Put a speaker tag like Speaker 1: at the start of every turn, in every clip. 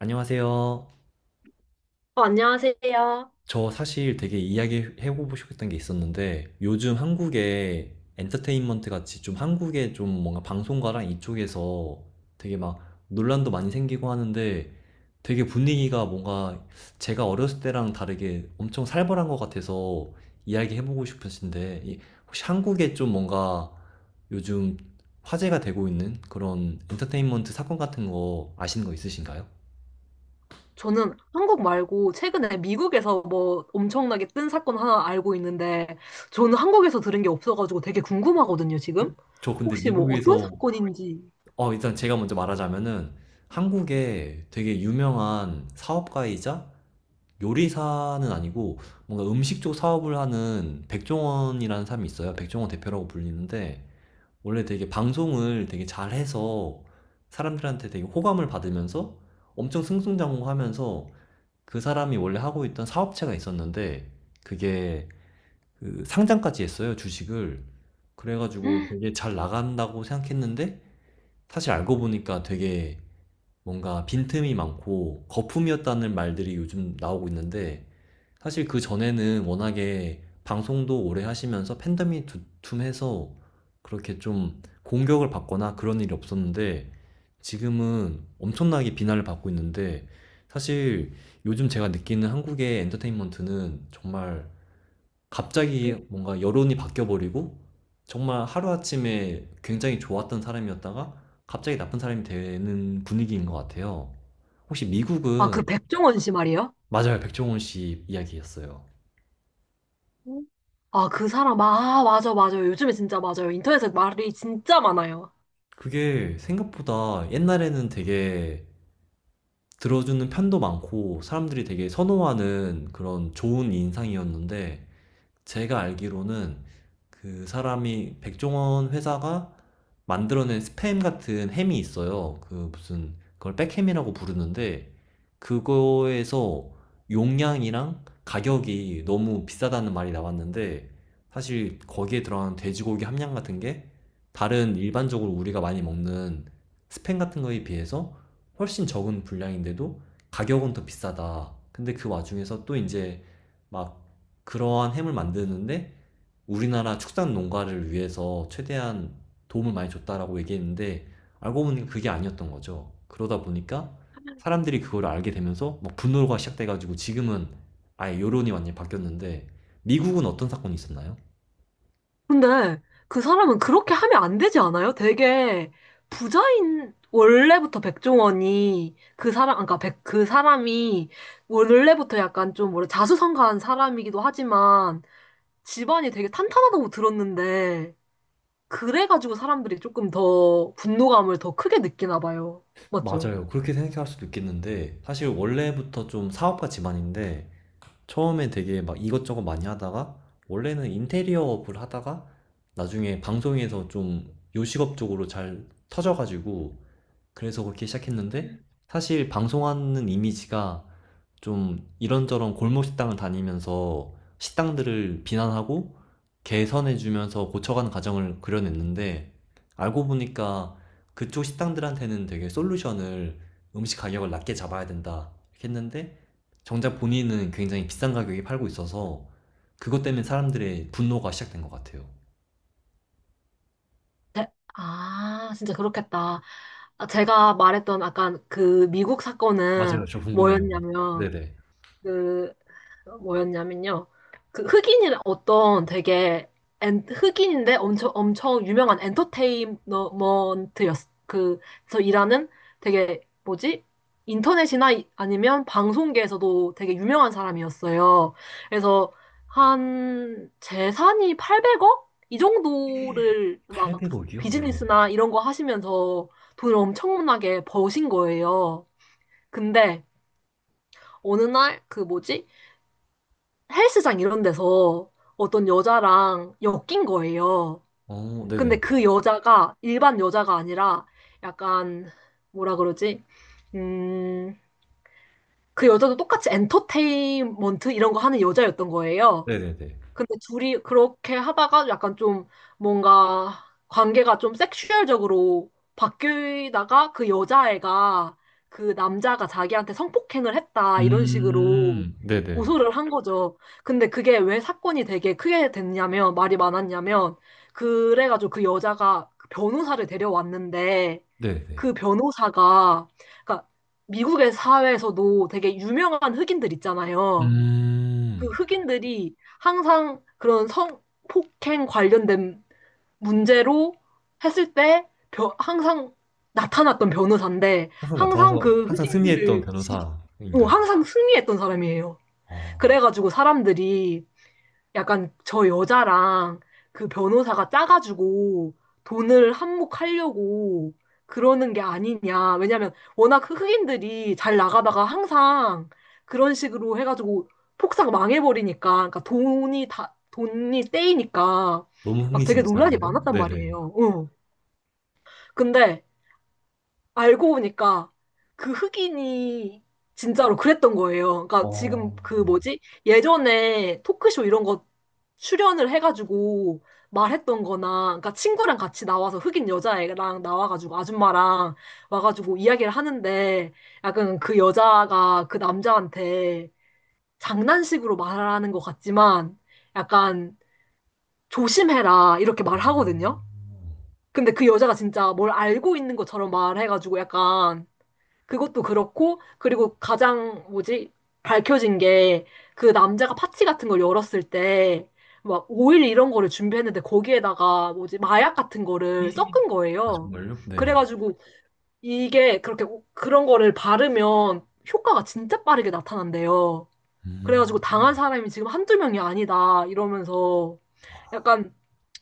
Speaker 1: 안녕하세요.
Speaker 2: 안녕하세요.
Speaker 1: 저 사실 되게 이야기해보고 싶었던 게 있었는데 요즘 한국의 엔터테인먼트 같이 좀 한국의 좀 뭔가 방송가랑 이쪽에서 되게 막 논란도 많이 생기고 하는데 되게 분위기가 뭔가 제가 어렸을 때랑 다르게 엄청 살벌한 것 같아서 이야기해보고 싶으신데 혹시 한국에 좀 뭔가 요즘 화제가 되고 있는 그런 엔터테인먼트 사건 같은 거 아시는 거 있으신가요?
Speaker 2: 저는 한국 말고 최근에 미국에서 뭐 엄청나게 뜬 사건 하나 알고 있는데 저는 한국에서 들은 게 없어가지고 되게 궁금하거든요, 지금.
Speaker 1: 저 근데
Speaker 2: 혹시 뭐 어떤
Speaker 1: 미국에서
Speaker 2: 사건인지.
Speaker 1: 어, 일단 제가 먼저 말하자면은 한국에 되게 유명한 사업가이자 요리사는 아니고 뭔가 음식 쪽 사업을 하는 백종원이라는 사람이 있어요. 백종원 대표라고 불리는데 원래 되게 방송을 되게 잘해서 사람들한테 되게 호감을 받으면서 엄청 승승장구하면서 그 사람이 원래 하고 있던 사업체가 있었는데 그게 그 상장까지 했어요, 주식을. 그래가지고 되게 잘 나간다고 생각했는데 사실 알고 보니까 되게 뭔가 빈틈이 많고 거품이었다는 말들이 요즘 나오고 있는데 사실 그 전에는 워낙에 방송도 오래 하시면서 팬덤이 두툼해서 그렇게 좀 공격을 받거나 그런 일이 없었는데 지금은 엄청나게 비난을 받고 있는데 사실 요즘 제가 느끼는 한국의 엔터테인먼트는 정말 갑자기 뭔가 여론이 바뀌어버리고 정말 하루아침에 굉장히 좋았던 사람이었다가 갑자기 나쁜 사람이 되는 분위기인 것 같아요. 혹시
Speaker 2: 아,
Speaker 1: 미국은,
Speaker 2: 그 백종원 씨 말이에요?
Speaker 1: 맞아요. 백종원 씨 이야기였어요.
Speaker 2: 아, 그 사람, 아, 맞아, 맞아요. 요즘에 진짜 맞아요. 인터넷에 말이 진짜 많아요.
Speaker 1: 그게 생각보다 옛날에는 되게 들어주는 편도 많고 사람들이 되게 선호하는 그런 좋은 인상이었는데 제가 알기로는 그 사람이 백종원 회사가 만들어낸 스팸 같은 햄이 있어요. 그 무슨 그걸 백햄이라고 부르는데 그거에서 용량이랑 가격이 너무 비싸다는 말이 나왔는데 사실 거기에 들어간 돼지고기 함량 같은 게 다른 일반적으로 우리가 많이 먹는 스팸 같은 거에 비해서 훨씬 적은 분량인데도 가격은 더 비싸다. 근데 그 와중에서 또 이제 막 그러한 햄을 만드는데 우리나라 축산 농가를 위해서 최대한 도움을 많이 줬다라고 얘기했는데 알고 보니 그게 아니었던 거죠. 그러다 보니까 사람들이 그걸 알게 되면서 막 분노가 시작돼가지고 지금은 아예 여론이 완전히 바뀌었는데 미국은 어떤 사건이 있었나요?
Speaker 2: 근데 그 사람은 그렇게 하면 안 되지 않아요? 되게 부자인 원래부터 백종원이 그 사람 그러니까 백, 그 사람이 원래부터 약간 좀 뭐래 자수성가한 사람이기도 하지만 집안이 되게 탄탄하다고 들었는데 그래가지고 사람들이 조금 더 분노감을 더 크게 느끼나 봐요. 맞죠?
Speaker 1: 맞아요. 그렇게 생각할 수도 있겠는데 사실 원래부터 좀 사업가 집안인데 처음에 되게 막 이것저것 많이 하다가 원래는 인테리어업을 하다가 나중에 방송에서 좀 요식업 쪽으로 잘 터져가지고 그래서 그렇게 시작했는데 사실 방송하는 이미지가 좀 이런저런 골목 식당을 다니면서 식당들을 비난하고 개선해주면서 고쳐가는 과정을 그려냈는데 알고 보니까 그쪽 식당들한테는 되게 솔루션을 음식 가격을 낮게 잡아야 된다 이렇게 했는데 정작 본인은 굉장히 비싼 가격에 팔고 있어서 그것 때문에 사람들의 분노가 시작된 것 같아요.
Speaker 2: 제- 아, 진짜 그렇겠다. 아, 제가 말했던 아까 그 미국
Speaker 1: 맞아요.
Speaker 2: 사건은
Speaker 1: 저 궁금해요.
Speaker 2: 뭐였냐면
Speaker 1: 네네.
Speaker 2: 그 뭐였냐면요. 그 흑인이 어떤 되게 엔, 흑인인데 엄청 엄청 유명한 엔터테인먼트였 그서 일하는 되게 뭐지? 인터넷이나 이- 아니면 방송계에서도 되게 유명한 사람이었어요. 그래서 한 재산이 800억 이 정도를 막
Speaker 1: 800억이요? 네네.
Speaker 2: 비즈니스나 이런 거 하시면서 돈을 엄청나게 버신 거예요. 근데 어느 날 그 뭐지? 헬스장 이런 데서 어떤 여자랑 엮인 거예요.
Speaker 1: 어, 네네.
Speaker 2: 근데 그 여자가 일반 여자가 아니라 약간 뭐라 그러지? 음, 그 여자도 똑같이 엔터테인먼트 이런 거 하는 여자였던 거예요.
Speaker 1: 네네네.
Speaker 2: 근데 둘이 그렇게 하다가 약간 좀 뭔가 관계가 좀 섹슈얼적으로 바뀌다가 그 여자애가 그 남자가 자기한테 성폭행을 했다 이런 식으로
Speaker 1: 네네.
Speaker 2: 고소를 한 거죠. 근데 그게 왜 사건이 되게 크게 됐냐면 말이 많았냐면 그래가지고 그 여자가 그 변호사를 데려왔는데
Speaker 1: 네네.
Speaker 2: 그 변호사가 그러니까 미국의 사회에서도 되게 유명한 흑인들 있잖아요. 그
Speaker 1: 음.
Speaker 2: 흑인들이 항상 그런 성폭행 관련된 문제로 했을 때 벼- 항상 나타났던 변호사인데
Speaker 1: 항상
Speaker 2: 항상
Speaker 1: 나타나서
Speaker 2: 그
Speaker 1: 항상 승리했던
Speaker 2: 흑인들을 지- 어,
Speaker 1: 변호사인가요?
Speaker 2: 항상 승리했던 사람이에요.
Speaker 1: 아,
Speaker 2: 그래가지고 사람들이 약간 저 여자랑 그 변호사가 짜가지고 돈을 한몫하려고 그러는 게 아니냐. 왜냐면 워낙 흑인들이 잘 나가다가 항상 그런 식으로 해가지고 폭삭 망해버리니까. 그러니까 돈이 다, 돈이 떼이니까
Speaker 1: 너무
Speaker 2: 막 되게 논란이
Speaker 1: 흥미진진한데요?
Speaker 2: 많았단
Speaker 1: 네네.
Speaker 2: 말이에요. 응. 근데 알고 보니까 그 흑인이 진짜로 그랬던 거예요. 그러니까 지금
Speaker 1: 어.
Speaker 2: 그 뭐지? 예전에 토크쇼 이런 거 출연을 해가지고 말했던 거나, 그러니까 친구랑 같이 나와서 흑인 여자애랑 나와가지고 아줌마랑 와가지고 이야기를 하는데 약간 그 여자가 그 남자한테 장난식으로 말하는 것 같지만 약간 조심해라 이렇게 말하거든요. 근데 그 여자가 진짜 뭘 알고 있는 것처럼 말해가지고 약간 그것도 그렇고, 그리고 가장 뭐지? 밝혀진 게 그 남자가 파티 같은 걸 열었을 때 막 오일 이런 거를 준비했는데 거기에다가 뭐지? 마약 같은 거를 섞은
Speaker 1: 아
Speaker 2: 거예요.
Speaker 1: 정말요? 네네.
Speaker 2: 그래가지고 이게 그렇게 오- 그런 거를 바르면 효과가 진짜 빠르게 나타난대요.
Speaker 1: 음.
Speaker 2: 그래가지고 당한 사람이 지금 한두 명이 아니다 이러면서
Speaker 1: 아,
Speaker 2: 약간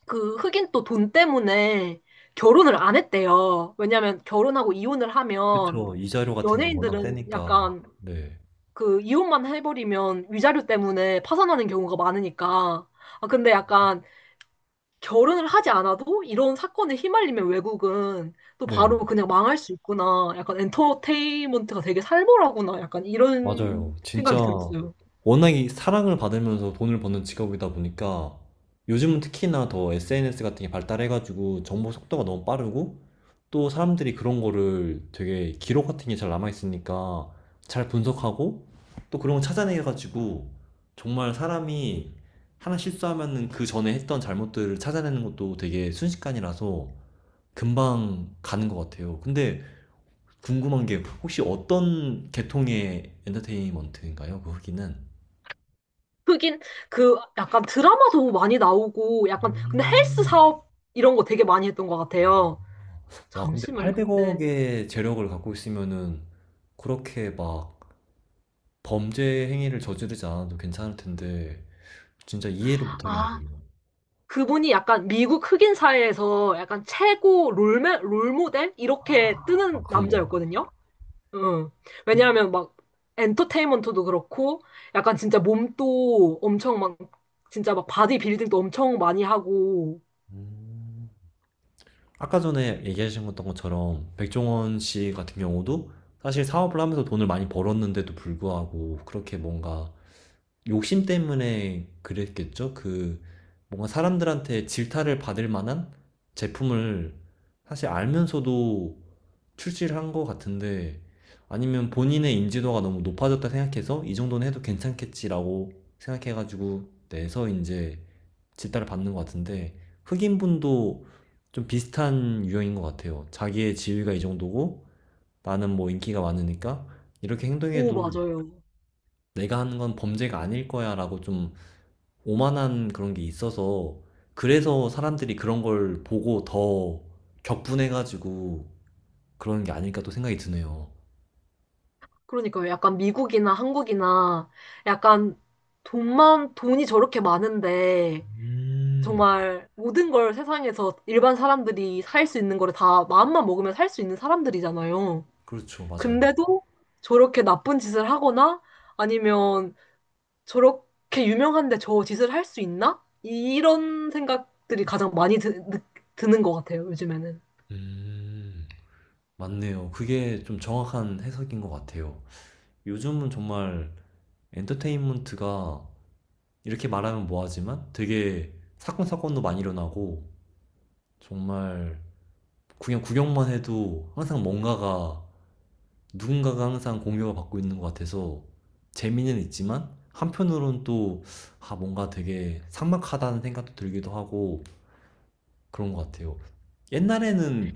Speaker 2: 그 흑인 또 돈 때문에 결혼을 안 했대요. 왜냐면 결혼하고 이혼을 하면
Speaker 1: 그쵸. 이자료 같은 게 워낙
Speaker 2: 연예인들은
Speaker 1: 세니까.
Speaker 2: 약간
Speaker 1: 네.
Speaker 2: 그 이혼만 해버리면 위자료 때문에 파산하는 경우가 많으니까. 아, 근데 약간 결혼을 하지 않아도 이런 사건에 휘말리면 외국은 또
Speaker 1: 네.
Speaker 2: 바로 그냥 망할 수 있구나. 약간 엔터테인먼트가 되게 살벌하구나. 약간 이런
Speaker 1: 맞아요. 진짜
Speaker 2: 생각이 들었어요.
Speaker 1: 워낙 이 사랑을 받으면서 돈을 버는 직업이다 보니까 요즘은 특히나 더 SNS 같은 게 발달해 가지고 정보 속도가 너무 빠르고 또 사람들이 그런 거를 되게 기록 같은 게 잘 남아있으니까 잘 분석하고 또 그런 거 찾아내가지고 정말 사람이 하나 실수하면은 그 전에 했던 잘못들을 찾아내는 것도 되게 순식간이라서 금방 가는 것 같아요. 근데 궁금한 게 혹시 어떤 계통의 엔터테인먼트인가요? 그 후기는?
Speaker 2: 흑인 그 약간 드라마도 많이 나오고 약간 근데 헬스
Speaker 1: 음.
Speaker 2: 사업 이런 거 되게 많이 했던 것 같아요.
Speaker 1: 와, 근데
Speaker 2: 잠시만요. 그때
Speaker 1: 800억의 재력을 갖고 있으면은 그렇게 막 범죄 행위를 저지르지 않아도 괜찮을 텐데 진짜 이해를 못
Speaker 2: 아
Speaker 1: 하겠네요.
Speaker 2: 그분이 약간 미국 흑인 사회에서 약간 최고 롤메, 롤모델? 이렇게
Speaker 1: 아,
Speaker 2: 뜨는
Speaker 1: 그런가요?
Speaker 2: 남자였거든요. 응. 왜냐하면 막 엔터테인먼트도 그렇고 약간 진짜 몸도 엄청 막 진짜 막 바디 빌딩도 엄청 많이 하고
Speaker 1: 음, 아까 전에 얘기하신 것던 것처럼 백종원 씨 같은 경우도 사실 사업을 하면서 돈을 많이 벌었는데도 불구하고 그렇게 뭔가 욕심 때문에 그랬겠죠? 그 뭔가 사람들한테 질타를 받을 만한 제품을 사실 알면서도 출시를 한 것 같은데 아니면 본인의 인지도가 너무 높아졌다 생각해서 이 정도는 해도 괜찮겠지라고 생각해가지고 내서 이제 질타를 받는 것 같은데 흑인분도 좀 비슷한 유형인 것 같아요. 자기의 지위가 이 정도고 나는 뭐 인기가 많으니까 이렇게
Speaker 2: 오,
Speaker 1: 행동해도
Speaker 2: 맞아요.
Speaker 1: 내가 하는 건 범죄가 아닐 거야라고 좀 오만한 그런 게 있어서 그래서 사람들이 그런 걸 보고 더 격분해가지고 그런 게 아닐까 또 생각이 드네요.
Speaker 2: 그러니까요. 약간 미국이나 한국이나 약간 돈만, 돈이 저렇게 많은데
Speaker 1: 음,
Speaker 2: 정말 모든 걸 세상에서 일반 사람들이 살 수 있는 거를 다 마음만 먹으면 살 수 있는 사람들이잖아요.
Speaker 1: 그렇죠, 맞아요.
Speaker 2: 근데도 저렇게 나쁜 짓을 하거나 아니면 저렇게 유명한데 저 짓을 할 수 있나? 이런 생각들이 가장 많이 드, 느- 드는 것 같아요, 요즘에는.
Speaker 1: 음, 맞네요. 그게 좀 정확한 해석인 것 같아요. 요즘은 정말 엔터테인먼트가 이렇게 말하면 뭐하지만 되게 사건 사건도 많이 일어나고 정말 그냥 구경만 해도 항상 뭔가가 누군가가 항상 공격을 받고 있는 것 같아서 재미는 있지만 한편으로는 또 아, 뭔가 되게 삭막하다는 생각도 들기도 하고 그런 것 같아요. 옛날에는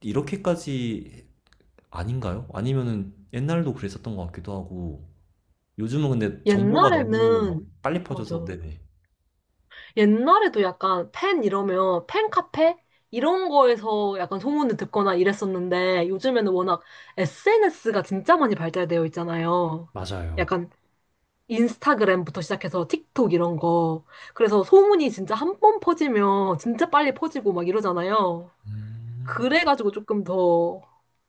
Speaker 1: 이렇게까지 아닌가요? 아니면은 옛날도 그랬었던 것 같기도 하고 요즘은 근데 정보가 너무
Speaker 2: 옛날에는,
Speaker 1: 빨리 퍼져서
Speaker 2: 맞아.
Speaker 1: 네네.
Speaker 2: 옛날에도 약간 팬 이러면 팬카페? 이런 거에서 약간 소문을 듣거나 이랬었는데 요즘에는 워낙 SNS가 진짜 많이 발달되어 있잖아요.
Speaker 1: 맞아요.
Speaker 2: 약간 인스타그램부터 시작해서 틱톡 이런 거. 그래서 소문이 진짜 한 번 퍼지면 진짜 빨리 퍼지고 막 이러잖아요.
Speaker 1: 음,
Speaker 2: 그래가지고 조금 더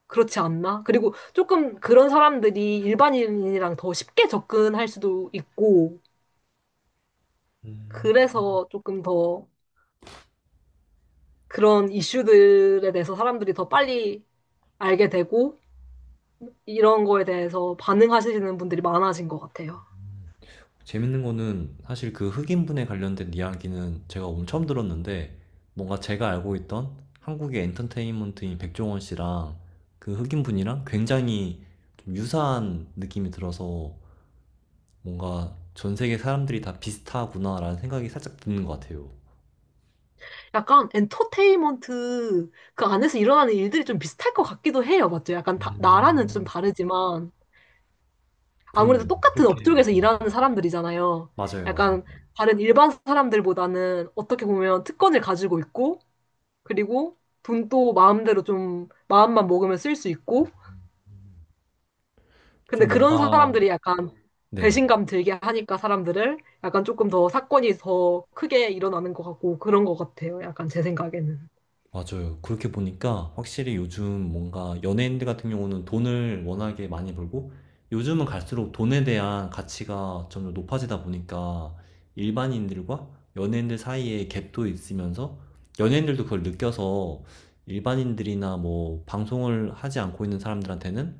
Speaker 2: 그렇지 않나? 그리고 조금 그런 사람들이 일반인이랑 더 쉽게 접근할 수도 있고,
Speaker 1: 음.
Speaker 2: 그래서 조금 더 그런 이슈들에 대해서 사람들이 더 빨리 알게 되고, 이런 거에 대해서 반응하시는 분들이 많아진 것 같아요.
Speaker 1: 재밌는 거는 사실 그 흑인분에 관련된 이야기는 제가 오늘 처음 들었는데 뭔가 제가 알고 있던 한국의 엔터테인먼트인 백종원 씨랑 그 흑인분이랑 굉장히 좀 유사한 느낌이 들어서 뭔가 전 세계 사람들이 다 비슷하구나라는 생각이 살짝 드는 것 같아요.
Speaker 2: 약간 엔터테인먼트 그 안에서 일어나는 일들이 좀 비슷할 것 같기도 해요. 맞죠? 약간 다- 나라는 좀
Speaker 1: 음,
Speaker 2: 다르지만 아무래도
Speaker 1: 그렇네요.
Speaker 2: 똑같은
Speaker 1: 그렇게
Speaker 2: 업종에서
Speaker 1: 보이
Speaker 2: 일하는 사람들이잖아요.
Speaker 1: 맞아요, 맞아요.
Speaker 2: 약간 다른 일반 사람들보다는 어떻게 보면 특권을 가지고 있고 그리고 돈도 마음대로 좀 마음만 먹으면 쓸 수 있고 근데
Speaker 1: 좀
Speaker 2: 그런
Speaker 1: 뭔가,
Speaker 2: 사람들이 약간
Speaker 1: 네네.
Speaker 2: 배신감 들게 하니까 사람들을 약간 조금 더 사건이 더 크게 일어나는 것 같고 그런 것 같아요. 약간 제 생각에는.
Speaker 1: 맞아요. 그렇게 보니까 확실히 요즘 뭔가 연예인들 같은 경우는 돈을 워낙에 많이 벌고 요즘은 갈수록 돈에 대한 가치가 점점 높아지다 보니까 일반인들과 연예인들 사이에 갭도 있으면서 연예인들도 그걸 느껴서 일반인들이나 뭐 방송을 하지 않고 있는 사람들한테는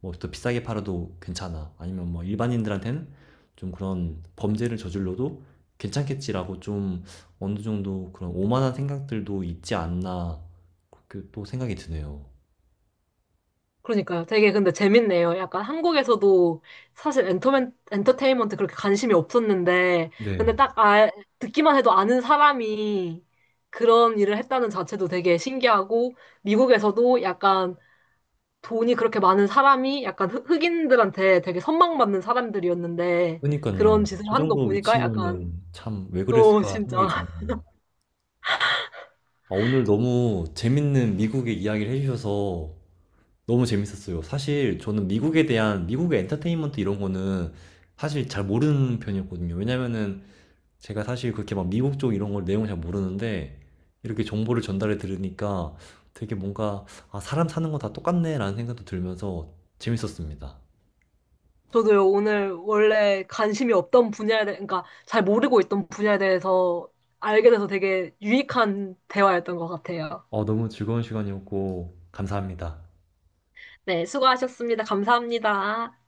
Speaker 1: 뭐 더 비싸게 팔아도 괜찮아. 아니면 뭐 일반인들한테는 좀 그런 범죄를 저질러도 괜찮겠지라고 좀 어느 정도 그런 오만한 생각들도 있지 않나 그렇게 또 생각이 드네요.
Speaker 2: 그러니까요. 되게 근데 재밌네요. 약간 한국에서도 사실 엔터맨, 엔터테인먼트 그렇게 관심이 없었는데, 근데
Speaker 1: 네.
Speaker 2: 딱 아, 듣기만 해도 아는 사람이 그런 일을 했다는 자체도 되게 신기하고, 미국에서도 약간 돈이 그렇게 많은 사람이 약간 흑, 흑인들한테 되게 선망받는 사람들이었는데, 그런
Speaker 1: 그니깐요.
Speaker 2: 짓을
Speaker 1: 그
Speaker 2: 하는 거
Speaker 1: 정도
Speaker 2: 보니까 약간,
Speaker 1: 위치면은 참 '왜
Speaker 2: 어,
Speaker 1: 그랬을까.' 생각이
Speaker 2: 진짜.
Speaker 1: 드네요. 아 오늘 너무 재밌는 미국의 이야기를 해 주셔서 너무 재밌었어요. 사실 저는 미국에 대한 미국의 엔터테인먼트 이런 거는 사실 잘 모르는 편이었거든요. 왜냐면은 제가 사실 그렇게 막 미국 쪽 이런 걸 내용을 잘 모르는데 이렇게 정보를 전달해 들으니까 되게 뭔가 아, 사람 사는 거 다 똑같네 라는 생각도 들면서 재밌었습니다.
Speaker 2: 저도요, 오늘 원래 관심이 없던 분야에 대해, 그러니까 잘 모르고 있던 분야에 대해서 알게 돼서 되게 유익한 대화였던 것 같아요.
Speaker 1: 어, 너무 즐거운 시간이었고 감사합니다.
Speaker 2: 네, 수고하셨습니다. 감사합니다.